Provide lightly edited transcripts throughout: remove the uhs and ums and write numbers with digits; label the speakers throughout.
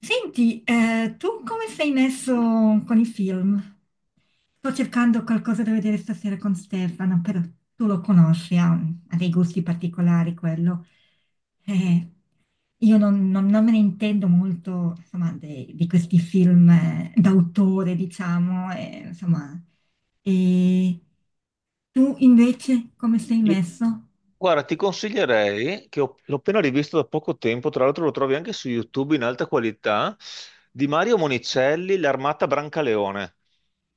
Speaker 1: Senti, tu come sei messo con i film? Sto cercando qualcosa da vedere stasera con Stefano, però tu lo conosci, ha dei gusti particolari quello. Eh, io non me ne intendo molto, insomma, di questi film d'autore, diciamo, insomma. E tu invece come sei
Speaker 2: Io-
Speaker 1: messo?
Speaker 2: Guarda, ti consiglierei, che ho- l'ho appena rivisto da poco tempo, tra l'altro lo trovi anche su YouTube in alta qualità, di Mario Monicelli, L'Armata Brancaleone,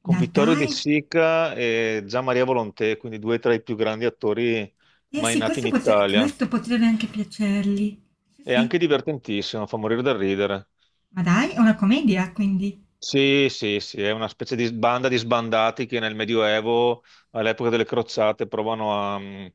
Speaker 2: con Vittorio De
Speaker 1: Dai,
Speaker 2: Sica e Gian Maria Volonté, quindi due tra i più grandi attori
Speaker 1: eh
Speaker 2: mai
Speaker 1: sì,
Speaker 2: nati in
Speaker 1: questo,
Speaker 2: Italia.
Speaker 1: questo potrebbe anche piacergli. Sì,
Speaker 2: È
Speaker 1: sì.
Speaker 2: anche divertentissimo, fa morire da ridere.
Speaker 1: Ma dai, è una commedia quindi?
Speaker 2: Sì, sì, sì, è una specie di banda di sbandati che nel Medioevo, all'epoca delle crociate, provano a,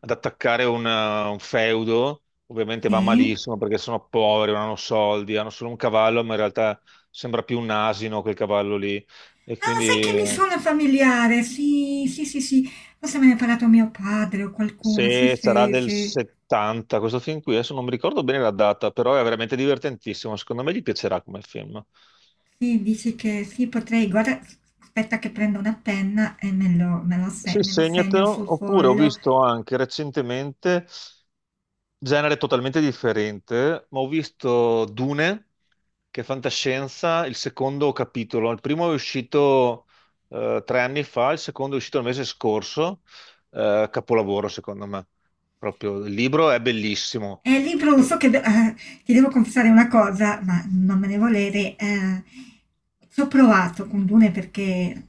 Speaker 2: ad attaccare un feudo. Ovviamente va
Speaker 1: Sì?
Speaker 2: malissimo perché sono poveri, non hanno soldi, hanno solo un cavallo, ma in realtà sembra più un asino quel cavallo lì. E
Speaker 1: Ah, sai che
Speaker 2: quindi
Speaker 1: mi suona familiare, sì, sì, sì, sì. Forse me ne ha parlato mio padre o qualcuno, sì,
Speaker 2: se sarà
Speaker 1: sì,
Speaker 2: del
Speaker 1: sì.
Speaker 2: 70, questo film qui, adesso non mi ricordo bene la data, però è veramente divertentissimo. Secondo me gli piacerà come film.
Speaker 1: Sì, dici che sì, potrei, guarda, aspetta che prendo una penna e me lo se-
Speaker 2: Sì,
Speaker 1: me lo segno sul
Speaker 2: segnatelo. Oppure ho
Speaker 1: foglio.
Speaker 2: visto anche recentemente. Genere totalmente differente, ma ho visto Dune, che è fantascienza, il secondo capitolo. Il primo è uscito tre anni fa, il secondo è uscito il mese scorso, capolavoro secondo me. Proprio il libro è bellissimo.
Speaker 1: È il libro lo so che ti devo confessare una cosa, ma non me ne volere. Ci ho provato con Dune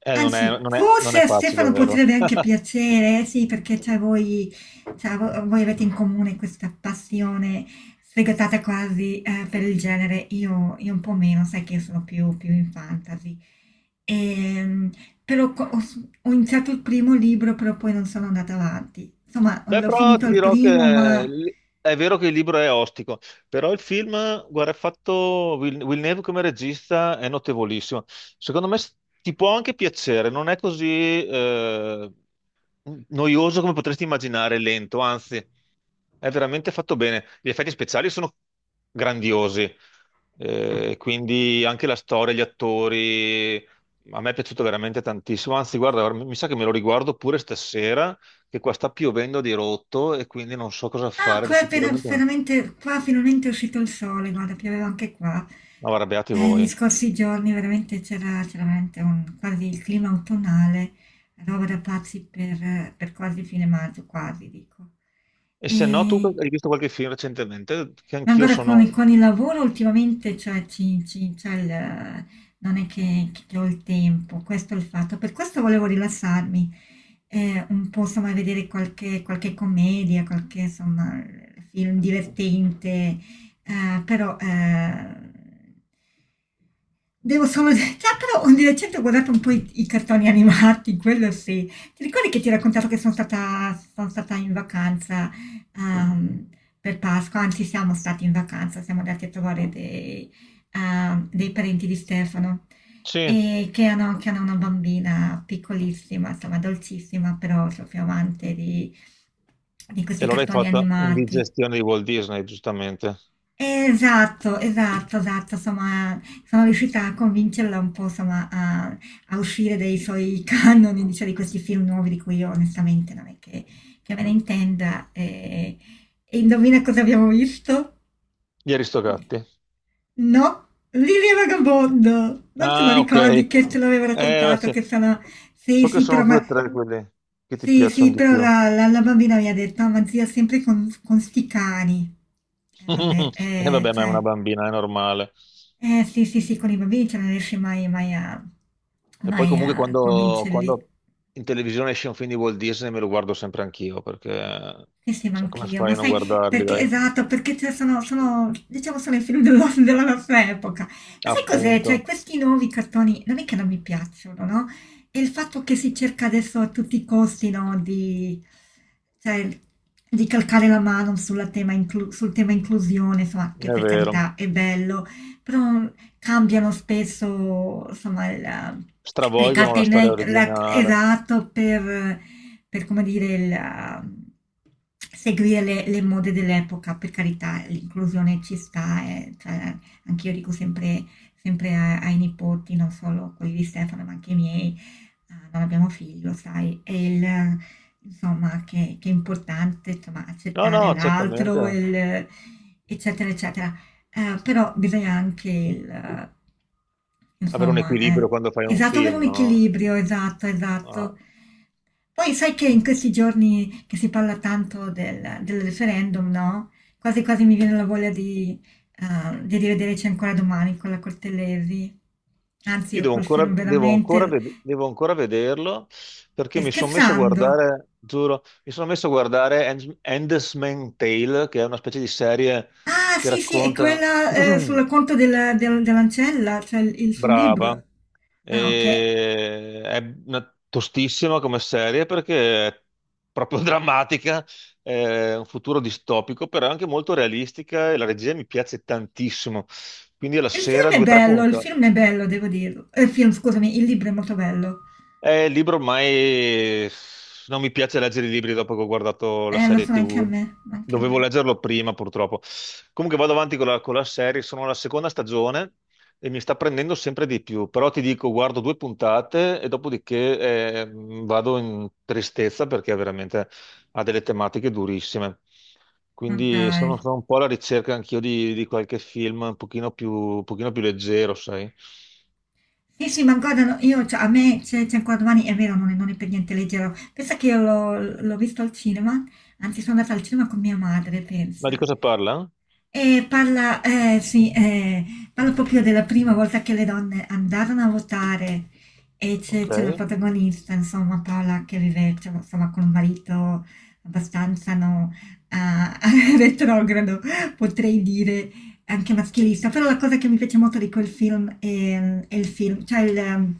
Speaker 1: anzi,
Speaker 2: Non
Speaker 1: forse
Speaker 2: è
Speaker 1: a
Speaker 2: facile, è
Speaker 1: Stefano
Speaker 2: vero?
Speaker 1: potrebbe anche piacere, sì, perché cioè, voi, cioè, voi avete in comune questa passione sfegatata quasi per il genere. Io un po' meno, sai che io sono più in fantasy. Ehm, Però ho iniziato il primo libro, però poi non sono andata avanti. Insomma,
Speaker 2: Beh,
Speaker 1: l'ho
Speaker 2: però
Speaker 1: finito
Speaker 2: ti
Speaker 1: il
Speaker 2: dirò
Speaker 1: primo,
Speaker 2: che
Speaker 1: ma...
Speaker 2: l- è vero che il libro è ostico, però il film, guarda, è fatto Villeneuve come regista è notevolissimo. Secondo me ti può anche piacere, non è così, noioso come potresti immaginare, lento, anzi, è veramente fatto bene. Gli effetti speciali sono grandiosi, quindi anche la storia, gli attori, a me è piaciuto veramente tantissimo. Anzi, guarda, ora mi sa che me lo riguardo pure stasera, che qua sta piovendo di rotto e quindi non so cosa
Speaker 1: Ah,
Speaker 2: fare, sicuramente no.
Speaker 1: finalmente, qua finalmente è uscito il sole, guarda, pioveva anche qua.
Speaker 2: No, arrabbiati
Speaker 1: Gli
Speaker 2: voi.
Speaker 1: scorsi giorni veramente c'era veramente un, quasi il clima autunnale, roba da pazzi per quasi fine maggio, quasi dico.
Speaker 2: E se no, tu
Speaker 1: E
Speaker 2: hai visto qualche film recentemente, che anch'io
Speaker 1: ancora
Speaker 2: sono...
Speaker 1: con il lavoro ultimamente cioè, c'è non è che ho il tempo, questo è il fatto. Per questo volevo rilassarmi, un po' insomma vedere qualche commedia, qualche insomma film divertente, però devo solo... Ah, però di recente ho guardato un po' i cartoni animati, quello sì. Ti ricordi che ti ho raccontato che sono stata in vacanza ehm, per Pasqua, anzi siamo stati in vacanza, siamo andati a trovare dei, dei parenti di Stefano
Speaker 2: Sì, e
Speaker 1: e che hanno una bambina piccolissima, insomma dolcissima, però proprio amante di questi
Speaker 2: allora hai
Speaker 1: cartoni
Speaker 2: fatto
Speaker 1: animati
Speaker 2: indigestione di Walt Disney, giustamente.
Speaker 1: esatto, esatto, esatto, insomma, sono riuscita a convincerla un po', insomma, a uscire dai suoi canoni, diciamo, di questi film nuovi di cui io onestamente non è che me ne intenda. E, indovina cosa abbiamo visto?
Speaker 2: Gli Aristogatti.
Speaker 1: No, Lilia Vagabondo, non te lo
Speaker 2: Ah, ok.
Speaker 1: ricordi che te l'avevo raccontato,
Speaker 2: Sì.
Speaker 1: che sono... Sì,
Speaker 2: So che
Speaker 1: sì,
Speaker 2: sono
Speaker 1: però,
Speaker 2: due o
Speaker 1: ma...
Speaker 2: tre quelle che ti
Speaker 1: sì,
Speaker 2: piacciono
Speaker 1: sì,
Speaker 2: di
Speaker 1: però
Speaker 2: più.
Speaker 1: la bambina mi ha detto, "Ah, ma zia, sempre con sti cani. Vabbè,
Speaker 2: E vabbè, ma è
Speaker 1: cioè...
Speaker 2: una bambina, è normale.
Speaker 1: Eh sì, sì, sì, con i bambini cioè non riesci mai,
Speaker 2: E poi
Speaker 1: mai
Speaker 2: comunque
Speaker 1: a convincerli.
Speaker 2: quando in televisione esce un film di Walt Disney me lo guardo sempre anch'io, perché
Speaker 1: Sì, sì, ma
Speaker 2: cioè, come
Speaker 1: anch'io,
Speaker 2: fai
Speaker 1: ma
Speaker 2: a non
Speaker 1: sai
Speaker 2: guardarli,
Speaker 1: perché,
Speaker 2: dai?
Speaker 1: esatto, perché cioè, sono, sono, diciamo, sono i film della nostra epoca. Ma sai cos'è? Cioè,
Speaker 2: Appunto,
Speaker 1: questi nuovi cartoni non è che non mi piacciono, no? E il fatto che si cerca adesso a tutti i costi, no, di, cioè, di calcare la mano sul tema inclusione, insomma, che
Speaker 2: è
Speaker 1: per
Speaker 2: vero.
Speaker 1: carità è bello, però cambiano spesso, insomma, le
Speaker 2: Stravolgono
Speaker 1: carte
Speaker 2: la
Speaker 1: in
Speaker 2: storia
Speaker 1: re- la-
Speaker 2: originale.
Speaker 1: esatto per, come dire, il, seguire le mode dell'epoca, per carità, l'inclusione ci sta, cioè, anche io dico sempre, sempre ai nipoti, non solo quelli di Stefano, ma anche i miei, non abbiamo figli, lo sai, insomma, che è importante, insomma,
Speaker 2: No,
Speaker 1: accettare
Speaker 2: no, certamente.
Speaker 1: l'altro, eccetera, eccetera. Però bisogna anche
Speaker 2: Avere un
Speaker 1: insomma, eh,
Speaker 2: equilibrio quando fai un
Speaker 1: esatto, avere
Speaker 2: film,
Speaker 1: un
Speaker 2: no?
Speaker 1: equilibrio, esatto,
Speaker 2: Ah,
Speaker 1: esatto. Poi sai che in questi giorni che si parla tanto del referendum, no? Quasi quasi mi viene la voglia di rivederci ancora domani con la Cortellesi. Anzi,
Speaker 2: io
Speaker 1: io
Speaker 2: devo
Speaker 1: quel
Speaker 2: ancora,
Speaker 1: film veramente...
Speaker 2: devo ancora vederlo perché
Speaker 1: Stai
Speaker 2: mi sono messo a
Speaker 1: scherzando?
Speaker 2: guardare, giuro, mi sono messo a guardare Handmaid's Tale, che è una specie di serie
Speaker 1: Ah,
Speaker 2: che
Speaker 1: sì, sì, è
Speaker 2: racconta,
Speaker 1: quella sul racconto dell'ancella, cioè il suo
Speaker 2: brava,
Speaker 1: libro. Ah, ok.
Speaker 2: E è una- tostissima come serie perché è proprio drammatica, è un futuro distopico, però è anche molto realistica e la regia mi piace tantissimo. Quindi alla
Speaker 1: Il film
Speaker 2: sera
Speaker 1: è
Speaker 2: due o tre
Speaker 1: bello, il
Speaker 2: puntate.
Speaker 1: film è bello, devo dirlo. Il film, scusami, il libro è molto bello.
Speaker 2: Il libro ormai non mi piace leggere i libri dopo che ho guardato la
Speaker 1: Lo
Speaker 2: serie
Speaker 1: so anche a
Speaker 2: TV.
Speaker 1: me, anche a
Speaker 2: Dovevo
Speaker 1: me.
Speaker 2: leggerlo prima, purtroppo. Comunque vado avanti con la serie, sono alla seconda stagione e mi sta prendendo sempre di più. Però ti dico, guardo due puntate e dopodiché eh, vado in tristezza perché veramente ha delle tematiche durissime.
Speaker 1: Ma
Speaker 2: Quindi
Speaker 1: dai.
Speaker 2: sono, sono un po' alla ricerca anch'io di qualche film un pochino più leggero, sai?
Speaker 1: Sì, sì, ma guarda, no, io, cioè, a me c'è ancora domani, è vero, non è per niente leggero. Pensa che io l'ho visto al cinema, anzi sono andata al cinema con mia madre,
Speaker 2: Ma di
Speaker 1: pensa.
Speaker 2: cosa parla?
Speaker 1: E parla, parla proprio della prima volta che le donne andarono a votare e c'è
Speaker 2: Ok.
Speaker 1: c'è la protagonista, insomma, Paola che vive, cioè, insomma, con un marito abbastanza no, ah, retrogrado, potrei dire, anche maschilista. Però la cosa che mi piace molto di quel film è il film, cioè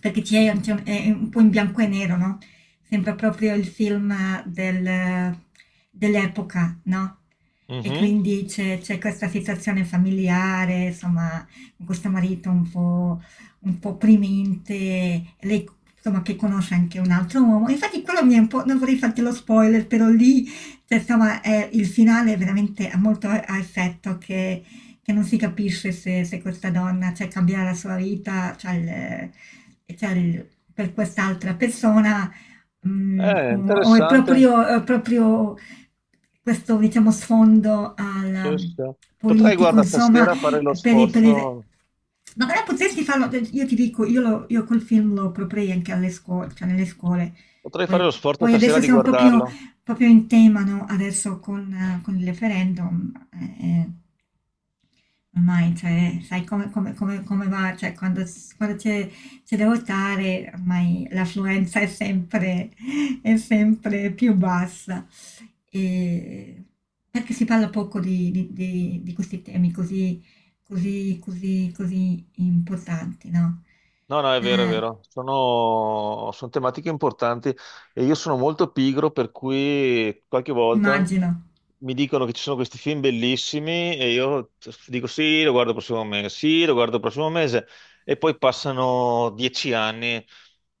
Speaker 1: perché c'è è un po' in bianco e nero, no? Sembra proprio il film del- dell'epoca, no? E
Speaker 2: Mhm.
Speaker 1: quindi c'è questa situazione familiare, insomma, con questo marito un po' opprimente, lei insomma che conosce anche un altro uomo. Infatti quello mi è un po', non vorrei farti lo spoiler, però lì, cioè, insomma, il finale è veramente ha molto a effetto che non si capisce se questa donna, cioè, cambierà la sua vita, cioè, per quest'altra persona. Mm, o
Speaker 2: Interessante.
Speaker 1: è proprio questo, diciamo, sfondo al
Speaker 2: Sì, sì, sì. Potrei,
Speaker 1: politico,
Speaker 2: guarda,
Speaker 1: insomma,
Speaker 2: stasera fare lo
Speaker 1: per, il- per il-
Speaker 2: sforzo,
Speaker 1: ma però potresti farlo, io ti dico, io, io col film lo proporrei anche alle scuole, cioè nelle scuole,
Speaker 2: potrei fare
Speaker 1: poi,
Speaker 2: lo sforzo
Speaker 1: poi
Speaker 2: stasera
Speaker 1: adesso
Speaker 2: di
Speaker 1: siamo proprio,
Speaker 2: guardarlo.
Speaker 1: proprio in tema, no? Adesso con il referendum, ormai, cioè, sai come, come va, cioè, quando, quando c'è se devo stare, ormai l'affluenza è sempre più bassa, e perché si parla poco di, di questi temi così, così, così, così importanti, no?
Speaker 2: No, no, è vero, è
Speaker 1: Eh,
Speaker 2: vero. Sono, sono tematiche importanti e io sono molto pigro, per cui qualche volta
Speaker 1: immagino,
Speaker 2: mi dicono che ci sono questi film bellissimi e io dico sì, lo guardo il prossimo mese, sì, lo guardo il prossimo mese e poi passano 10 anni,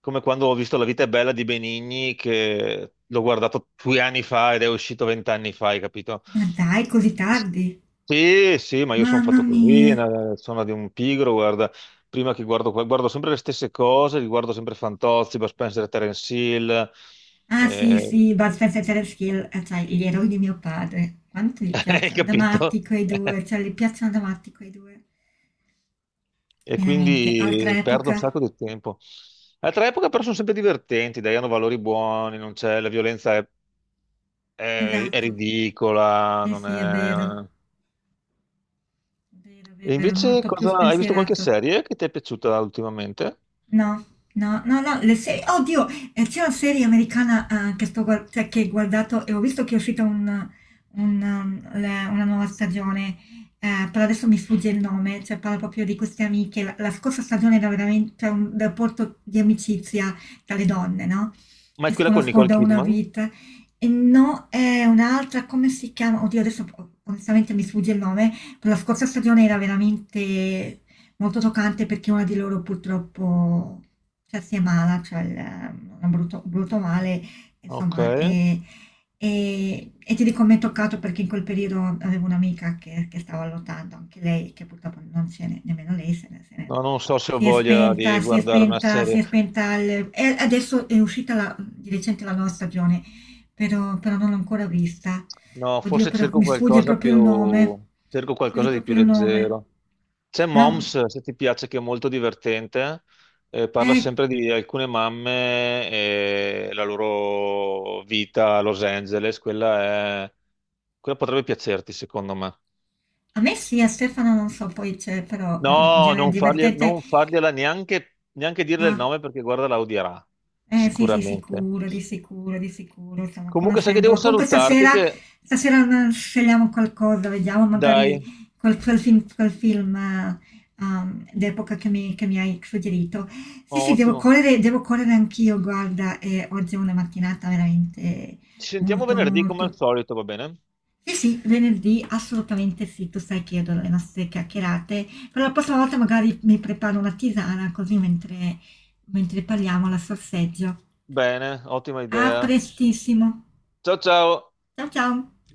Speaker 2: come quando ho visto La vita è bella di Benigni, che l'ho guardato due anni fa ed è uscito 20 anni fa, hai capito?
Speaker 1: ma dai, così tardi?
Speaker 2: Sì, sì, ma io sono
Speaker 1: Mamma
Speaker 2: fatto così,
Speaker 1: mia!
Speaker 2: una- sono di un pigro, guarda prima che guardo, guardo sempre le stesse cose, riguardo sempre Fantozzi, Bud Spencer e Terence Hill,
Speaker 1: Ah sì,
Speaker 2: eh,
Speaker 1: sì, Bud Spencer e Terence Hill, cioè gli eroi di mio padre. Quanto gli
Speaker 2: hai
Speaker 1: piacciono ad amati
Speaker 2: capito?
Speaker 1: quei due, cioè gli piacciono ad amati quei due.
Speaker 2: E
Speaker 1: Veramente, altra
Speaker 2: quindi perdo un
Speaker 1: epoca,
Speaker 2: sacco di tempo. Altra epoca però sono sempre divertenti, dai, hanno valori buoni, non c'è, la violenza è, è
Speaker 1: esatto.
Speaker 2: ridicola,
Speaker 1: Sì,
Speaker 2: non
Speaker 1: sì, è vero,
Speaker 2: è... eh.
Speaker 1: è vero, è
Speaker 2: E
Speaker 1: vero, era
Speaker 2: invece
Speaker 1: molto più
Speaker 2: cosa, hai visto qualche
Speaker 1: spensierato.
Speaker 2: serie che ti è piaciuta ultimamente?
Speaker 1: No, no, no, no, le serie, oddio, c'è una serie americana che cioè, che ho guardato e ho visto che è uscita una nuova stagione, però adesso mi sfugge il nome, cioè parla proprio di queste amiche, la scorsa stagione era veramente cioè, un rapporto di amicizia tra le donne, no?
Speaker 2: Ma è
Speaker 1: Che si
Speaker 2: quella con
Speaker 1: conoscono
Speaker 2: Nicole
Speaker 1: da una
Speaker 2: Kidman?
Speaker 1: vita, e no, è un'altra, come si chiama? Oddio, adesso onestamente mi sfugge il nome, però la scorsa stagione era veramente molto toccante perché una di loro purtroppo cioè, si ammala, cioè un brutto, brutto male,
Speaker 2: Ok,
Speaker 1: insomma, e, e ti dico mi è toccato perché in quel periodo avevo un'amica che stava lottando, anche lei, che purtroppo non nemmeno lei, se ne- se
Speaker 2: no,
Speaker 1: ne-
Speaker 2: non so se ho
Speaker 1: si è
Speaker 2: voglia di
Speaker 1: spenta, si è
Speaker 2: guardare una
Speaker 1: spenta, si
Speaker 2: serie.
Speaker 1: è spenta, e adesso di recente la nuova stagione, però, però non l'ho ancora vista.
Speaker 2: No,
Speaker 1: Oddio,
Speaker 2: forse
Speaker 1: però
Speaker 2: cerco
Speaker 1: mi sfugge
Speaker 2: qualcosa
Speaker 1: proprio il nome.
Speaker 2: più... cerco
Speaker 1: Mi sfugge
Speaker 2: qualcosa di più
Speaker 1: proprio il nome.
Speaker 2: leggero. C'è
Speaker 1: No,
Speaker 2: Moms, se ti piace, che è molto divertente. Eh, parla
Speaker 1: eh,
Speaker 2: sempre di alcune mamme e la loro vita a Los Angeles. Quella è... quella potrebbe piacerti, secondo me.
Speaker 1: a me sì, a Stefano non so, poi c'è però il
Speaker 2: No,
Speaker 1: genere divertente,
Speaker 2: non fargliela neanche, neanche dirle il
Speaker 1: no?
Speaker 2: nome perché guarda, la odierà,
Speaker 1: Eh sì, sì,
Speaker 2: sicuramente.
Speaker 1: sicuro, di sicuro, di sicuro, insomma,
Speaker 2: Comunque, sai che devo
Speaker 1: conoscendolo. Comunque
Speaker 2: salutarti
Speaker 1: stasera,
Speaker 2: che...
Speaker 1: stasera scegliamo qualcosa, vediamo magari
Speaker 2: Dai,
Speaker 1: quel film, d'epoca che mi hai suggerito. Sì,
Speaker 2: oh,
Speaker 1: sì,
Speaker 2: ottimo.
Speaker 1: devo correre anch'io, guarda, e oggi è una mattinata veramente
Speaker 2: Ci sentiamo
Speaker 1: molto,
Speaker 2: venerdì come al
Speaker 1: molto...
Speaker 2: solito, va bene?
Speaker 1: Sì, sì, venerdì assolutamente sì, tu sai che io adoro le nostre chiacchierate, però la prossima volta magari mi preparo una tisana così mentre, mentre parliamo la sorseggio.
Speaker 2: Bene, ottima
Speaker 1: A
Speaker 2: idea.
Speaker 1: prestissimo.
Speaker 2: Ciao ciao.
Speaker 1: Ciao ciao.